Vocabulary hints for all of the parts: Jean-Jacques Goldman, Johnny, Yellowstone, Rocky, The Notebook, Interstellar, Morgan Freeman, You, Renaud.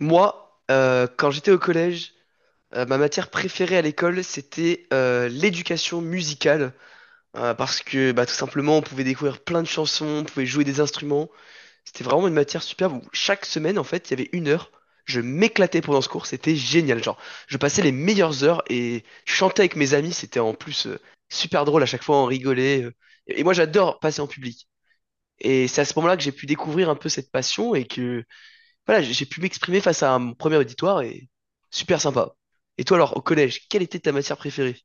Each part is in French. Moi, quand j'étais au collège, ma matière préférée à l'école, c'était l'éducation musicale, parce que bah, tout simplement, on pouvait découvrir plein de chansons, on pouvait jouer des instruments. C'était vraiment une matière superbe où chaque semaine, en fait, il y avait une heure. Je m'éclatais pendant ce cours, c'était génial. Genre, je passais les meilleures heures et je chantais avec mes amis, c'était en plus super drôle à chaque fois, on rigolait. Et moi, j'adore passer en public. Et c'est à ce moment-là que j'ai pu découvrir un peu cette passion et que voilà, j'ai pu m'exprimer face à mon premier auditoire et super sympa. Et toi alors, au collège, quelle était ta matière préférée?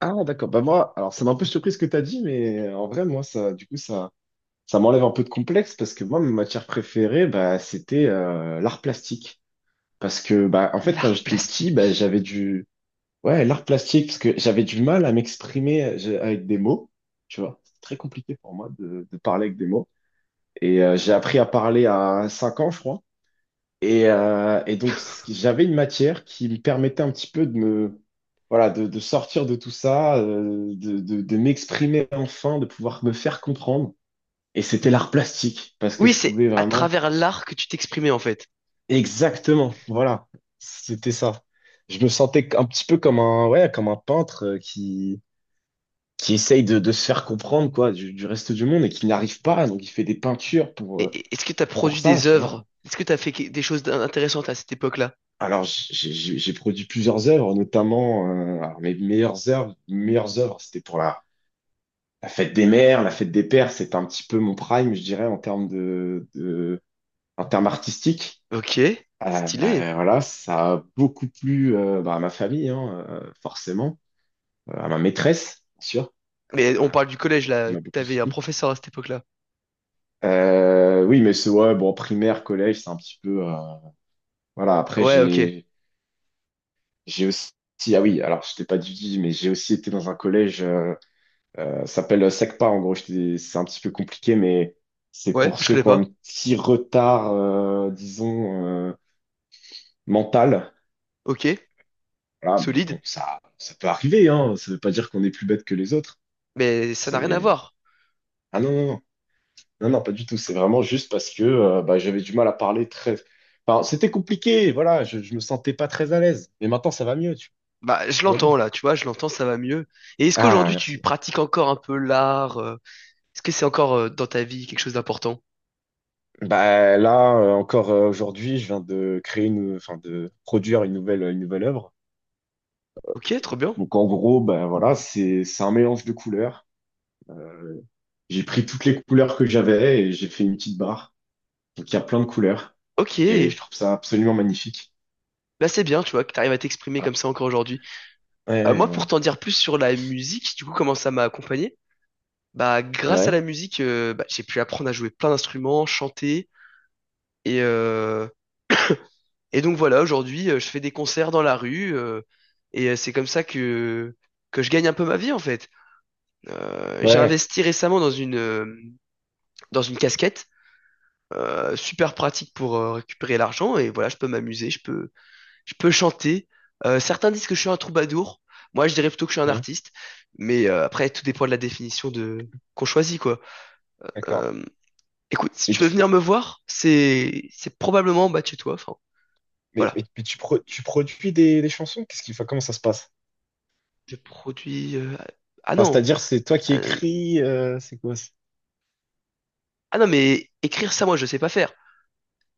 Ah, d'accord. Bah, moi, alors, ça m'a un peu surpris ce que tu as dit, mais en vrai, moi, ça, du coup, ça m'enlève un peu de complexe parce que moi, ma matière préférée, bah, c'était l'art plastique. Parce que, bah, en fait, quand L'art j'étais petit, plastique. bah, j'avais du, ouais, l'art plastique, parce que j'avais du mal à m'exprimer avec des mots. Tu vois, c'est très compliqué pour moi de parler avec des mots. Et j'ai appris à parler à 5 ans, je crois. Et donc, j'avais une matière qui me permettait un petit peu de me, voilà, de sortir de tout ça, de m'exprimer enfin, de pouvoir me faire comprendre. Et c'était l'art plastique, parce que Oui, je c'est pouvais à vraiment... travers l'art que tu t'exprimais en fait. Exactement, voilà, c'était ça. Je me sentais un petit peu comme un, ouais, comme un peintre qui essaye de se faire comprendre, quoi, du reste du monde et qui n'arrive pas. Donc, il fait des peintures Est-ce que tu as pour produit ça, des tu vois. œuvres? Est-ce que tu as fait des choses intéressantes à cette époque-là? Alors, j'ai produit plusieurs œuvres, notamment alors, mes meilleures œuvres. Meilleures œuvres, c'était pour la fête des mères, la fête des pères. C'est un petit peu mon prime, je dirais, en termes en termes artistiques. Ok, stylé. Voilà, ça a beaucoup plu bah, à ma famille, hein, forcément, à ma maîtresse, bien sûr, Mais euh, on parle du collège qui là, m'a beaucoup t'avais un soutenu. professeur à cette époque-là. Oui, mais c'est ouais, bon, primaire, collège, c'est un petit peu, voilà. Après, Ouais, ok. J'ai aussi, ah oui, alors je t'ai pas dit, mais j'ai aussi été dans un collège. Ça s'appelle SECPA, en gros, c'est un petit peu compliqué, mais c'est Ouais, pour je ceux connais qui ont un pas. petit retard, disons, mental. Ok, Voilà, mais solide. bon, ça peut arriver, hein. Ça veut pas dire qu'on est plus bête que les autres. Mais ça n'a rien à C'est... voir. Ah non, non, non, non, non, pas du tout. C'est vraiment juste parce que bah, j'avais du mal à parler très... Enfin, c'était compliqué, voilà, je me sentais pas très à l'aise. Mais maintenant, ça va mieux, tu Bah, je tout va l'entends bien. là, tu vois, je l'entends, ça va mieux. Et est-ce Ah, qu'aujourd'hui tu merci. pratiques encore un peu l'art? Est-ce que c'est encore dans ta vie quelque chose d'important? Bah, là, encore aujourd'hui, je viens de créer une, enfin, de produire une nouvelle œuvre. Ok, trop bien. Donc en gros, ben voilà, c'est un mélange de couleurs. Euh, j'ai pris toutes les couleurs que j'avais et j'ai fait une petite barre. Donc il y a plein de couleurs Ok, et je trouve ça absolument magnifique. là c'est bien, tu vois, que t'arrives à t'exprimer Voilà. comme ça encore aujourd'hui. Ouais, Moi, ouais, pour t'en dire plus sur la musique, du coup, comment ça m'a accompagné? Bah, grâce à la ouais, musique, bah, j'ai pu apprendre à jouer plein d'instruments, chanter, et euh, et donc voilà, aujourd'hui, je fais des concerts dans la rue, et c'est comme ça que je gagne un peu ma vie en fait. Ouais, J'ai ouais, investi récemment dans une casquette, super pratique pour récupérer l'argent et voilà, je peux m'amuser, je peux chanter. Certains disent que je suis un troubadour, moi je dirais plutôt que je suis un ouais, artiste, mais après tout dépend de la définition de qu'on choisit quoi. d'accord. Euh, écoute, si Mais tu veux tu, venir tu- me voir, c'est probablement en bas de chez toi. Enfin mais, voilà, mais- mais tu, tu produis des chansons? Qu'est-ce qu'il faut, comment ça se passe? je produis. ah Enfin, non, c'est-à-dire, c'est toi qui ah écris, c'est quoi? Ah non mais écrire ça moi je sais pas faire.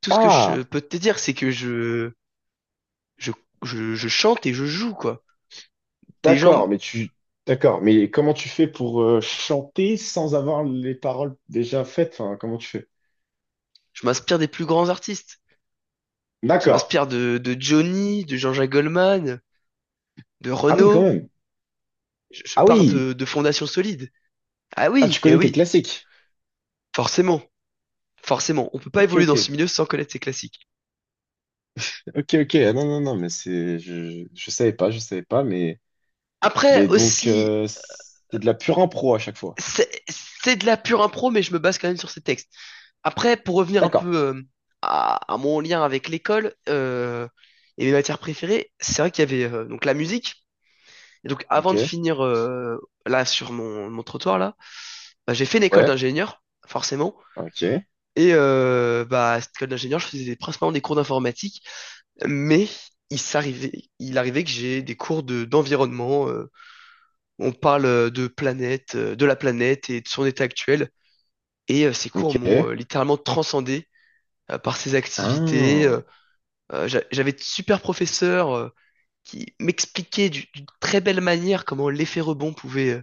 Tout ce que Ah, je peux te dire c'est que je, je chante et je joue, quoi. Des gens, d'accord, d'accord, mais comment tu fais pour chanter sans avoir les paroles déjà faites? Enfin, comment tu fais? je m'inspire des plus grands artistes. Je D'accord. m'inspire de Johnny, de Jean-Jacques Goldman, de Ah oui, quand Renaud. même. Je Ah pars oui! De fondations solides. Ah Ah, tu oui, eh connais tes oui, classiques. forcément, forcément. On peut pas Ok, évoluer dans ce ok. milieu sans connaître ses classiques. Ok, ok. Ah non, non, non, mais c'est. Je savais pas, je savais pas, mais. Après Mais donc, aussi, c'est de la pure impro à chaque fois. c'est de la pure impro, mais je me base quand même sur ces textes. Après, pour revenir un D'accord. peu à mon lien avec l'école, et mes matières préférées, c'est vrai qu'il y avait donc la musique. Et donc, avant de Ok. finir, là sur mon, mon trottoir là, bah, j'ai fait une école Ouais. d'ingénieur, forcément. Ok. Et bah, à cette école d'ingénieur, je faisais principalement des cours d'informatique, mais il arrivait que j'ai des cours de d'environnement. On parle de planète, de la planète et de son état actuel. Et ces cours Ok. m'ont littéralement transcendé par ces activités. euh, Ah. euh, J'avais de super professeurs qui m'expliquaient d'une très belle manière comment l'effet rebond pouvait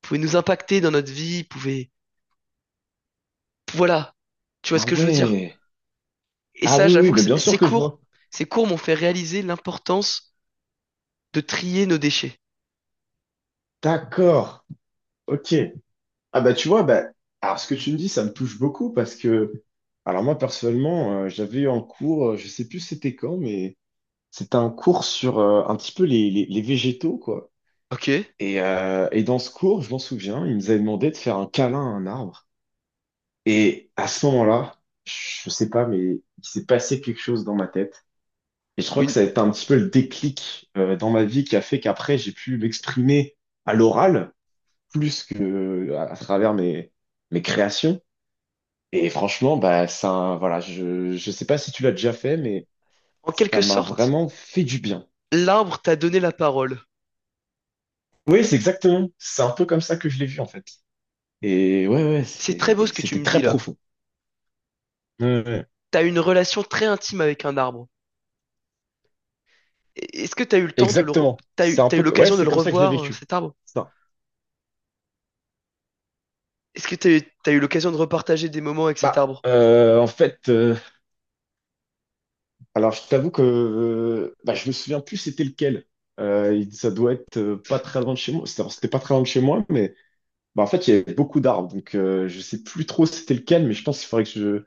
pouvait nous impacter dans notre vie, pouvait... Voilà, tu vois ce Ah que je veux dire. ouais. Et Ah ça, oui, j'avoue oui, que bah bien sûr que je vois. ces cours m'ont fait réaliser l'importance de trier nos déchets. D'accord. Ok. Ah bah tu vois, bah. Alors ce que tu me dis, ça me touche beaucoup parce que. Alors moi, personnellement, j'avais eu un cours, je sais plus c'était quand, mais. C'était un cours sur un petit peu les, les végétaux, quoi. Ok? Et dans ce cours, je m'en souviens, il nous avait demandé de faire un câlin à un arbre. Et à ce moment-là, je sais pas, mais il s'est passé quelque chose dans ma tête. Et je crois que Une... ça a été un petit peu le déclic dans ma vie qui a fait qu'après, j'ai pu m'exprimer à l'oral plus que à travers mes, mes créations. Et franchement, bah, ça, voilà, je sais pas si tu l'as déjà fait, mais En ça quelque m'a sorte, vraiment fait du bien. l'arbre t'a donné la parole. Oui, c'est exactement. C'est un peu comme ça que je l'ai vu, en fait. Et ouais, ouais, C'est très beau ce que tu c'était me dis très là. profond. Ouais, ouais. T'as une relation très intime avec un arbre. Est-ce que t'as eu le temps de Exactement. C'est un t'as eu peu, ouais, l'occasion de c'est le comme ça que je l'ai revoir, vécu. cet arbre? Ça. Est-ce que t'as eu l'occasion de repartager des moments avec cet Bah, arbre? En fait, alors je t'avoue que bah, je me souviens plus c'était lequel. Ça doit être pas très loin de chez moi. C'était alors, c'était pas très loin de chez moi, mais bah, en fait, il y avait beaucoup d'arbres. Donc, je sais plus trop c'était lequel, mais je pense qu'il faudrait que je,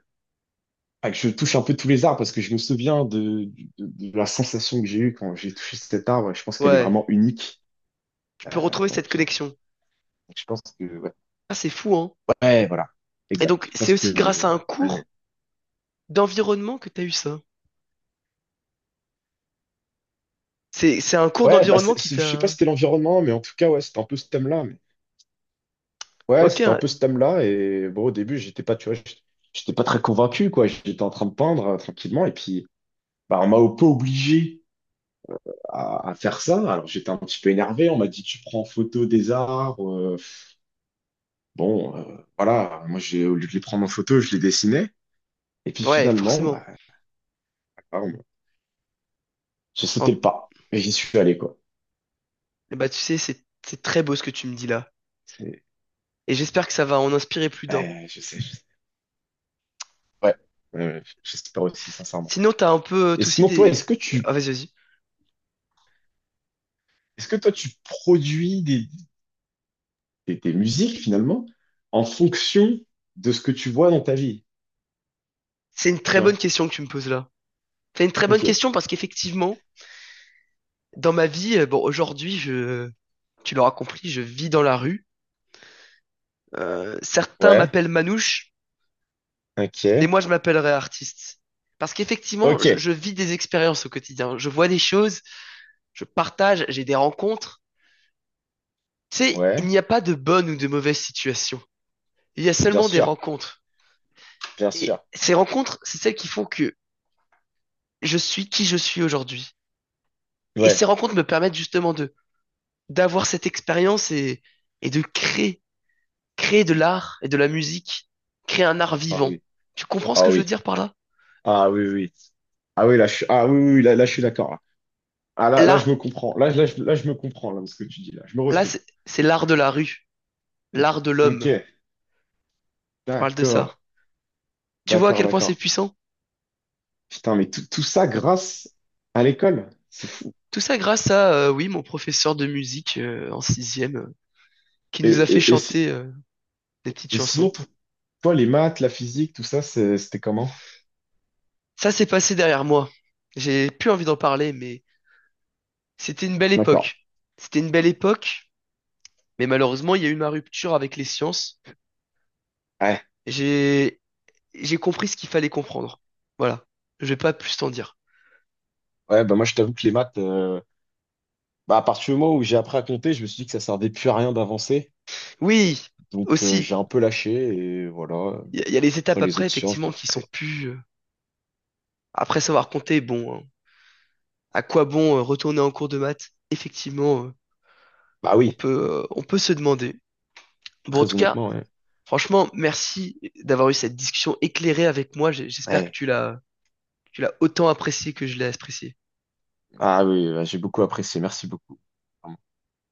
ah, que je touche un peu tous les arbres parce que je me souviens de, de, de la sensation que j'ai eue quand j'ai touché cet arbre. Je pense qu'elle est Ouais, vraiment unique. tu Euh, peux retrouver donc, cette connexion. je pense que, ouais, Ah, c'est fou, hein? Ouais, voilà, Et exact. donc, Je c'est pense que. aussi grâce à un Ouais. Ouais. cours d'environnement que t'as eu ça? C'est un cours Ouais, bah d'environnement qui je sais pas t'a... si c'était l'environnement, mais en tout cas, ouais, c'était un peu ce thème-là. Mais- Ouais, Ok, c'était un peu ce thème-là. Et bon, au début, j'étais pas, tu vois, j'étais j'étais pas très convaincu, quoi. J'étais en train de peindre tranquillement. Et puis, bah, on m'a un peu obligé à faire ça. Alors, j'étais un petit peu énervé. On m'a dit, tu prends en photo des arbres. Bon, voilà. Moi, j'ai, au lieu de les prendre en photo, je les dessinais. Et puis, ouais, finalement, forcément. bah, ah, on- j'ai sauté En- le pas. Et j'y suis allé, quoi. Bah tu sais, c'est très beau ce que tu me dis là. C'est- Et j'espère que ça va en inspirer plus d'un. Ouais, je sais, je sais. Ouais, ouais, ouais, j'espère aussi, sincèrement. Sinon, t'as un peu Et toi aussi sinon, toi, est-ce des... que tu Ah, vas-y, vas-y. Est-ce que toi, tu produis des, des musiques finalement en fonction de ce que tu vois dans ta vie? C'est une Tu très bonne vois? question que tu me poses là. C'est une très bonne Ok. question parce qu'effectivement, dans ma vie, bon, aujourd'hui, je... Tu l'auras compris, je vis dans la rue. Certains Ouais. m'appellent Manouche, mais Ok. moi je m'appellerais artiste. Parce qu'effectivement, Ok. Je vis des expériences au quotidien. Je vois des choses, je partage, j'ai des rencontres. Tu sais, il Ouais. n'y a pas de bonne ou de mauvaise situation. Il y a Bien seulement des sûr. rencontres. Bien Et sûr. ces rencontres, c'est celles qui font que je suis qui je suis aujourd'hui. Et ces Ouais. rencontres me permettent justement de d'avoir cette expérience et de créer, créer de l'art et de la musique, créer un art Ah vivant. oui. Tu comprends ce Ah que je veux oui. dire par là? Ah oui, oui. Oui. Ah oui, là, je suis, ah oui, oui, oui, là, là, je suis d'accord. Là. Ah là, là, je Là, me comprends. Là, là, je me comprends, là, de ce que tu dis, là. Je me là, retrouve. c'est l'art de la rue, l'art de Ok. l'homme. Je parle de ça. D'accord. Tu vois à D'accord, quel point c'est d'accord. puissant? Putain, mais tout, tout ça grâce à l'école. C'est fou. Tout ça grâce à, oui, mon professeur de musique en sixième, qui nous a fait Et, si- chanter des petites et chansons. sinon, toi, les maths, la physique, tout ça, c'était comment? Ça s'est passé derrière moi. J'ai plus envie d'en parler, mais c'était une belle D'accord. époque. C'était une belle époque, mais malheureusement, il y a eu ma rupture avec les sciences. Ouais, J'ai j'ai compris ce qu'il fallait comprendre. Voilà. Je vais pas plus t'en dire. ouais, bah moi je t'avoue que les maths, bah à partir du moment où j'ai appris à compter, je me suis dit que ça servait plus à rien d'avancer. Oui, Donc aussi, j'ai un peu lâché et voilà. Il y a les étapes Après les après, autres sciences, je effectivement, m'en qui sont foutais. plus... Après savoir compter, bon, hein, à quoi bon retourner en cours de maths? Effectivement, Bah oui, on peut se demander. Bon, en très tout cas, honnêtement, ouais. franchement, merci d'avoir eu cette discussion éclairée avec moi. J'espère que Ouais. Tu l'as autant apprécié que je l'ai apprécié. Ah oui, ouais, j'ai beaucoup apprécié, merci beaucoup.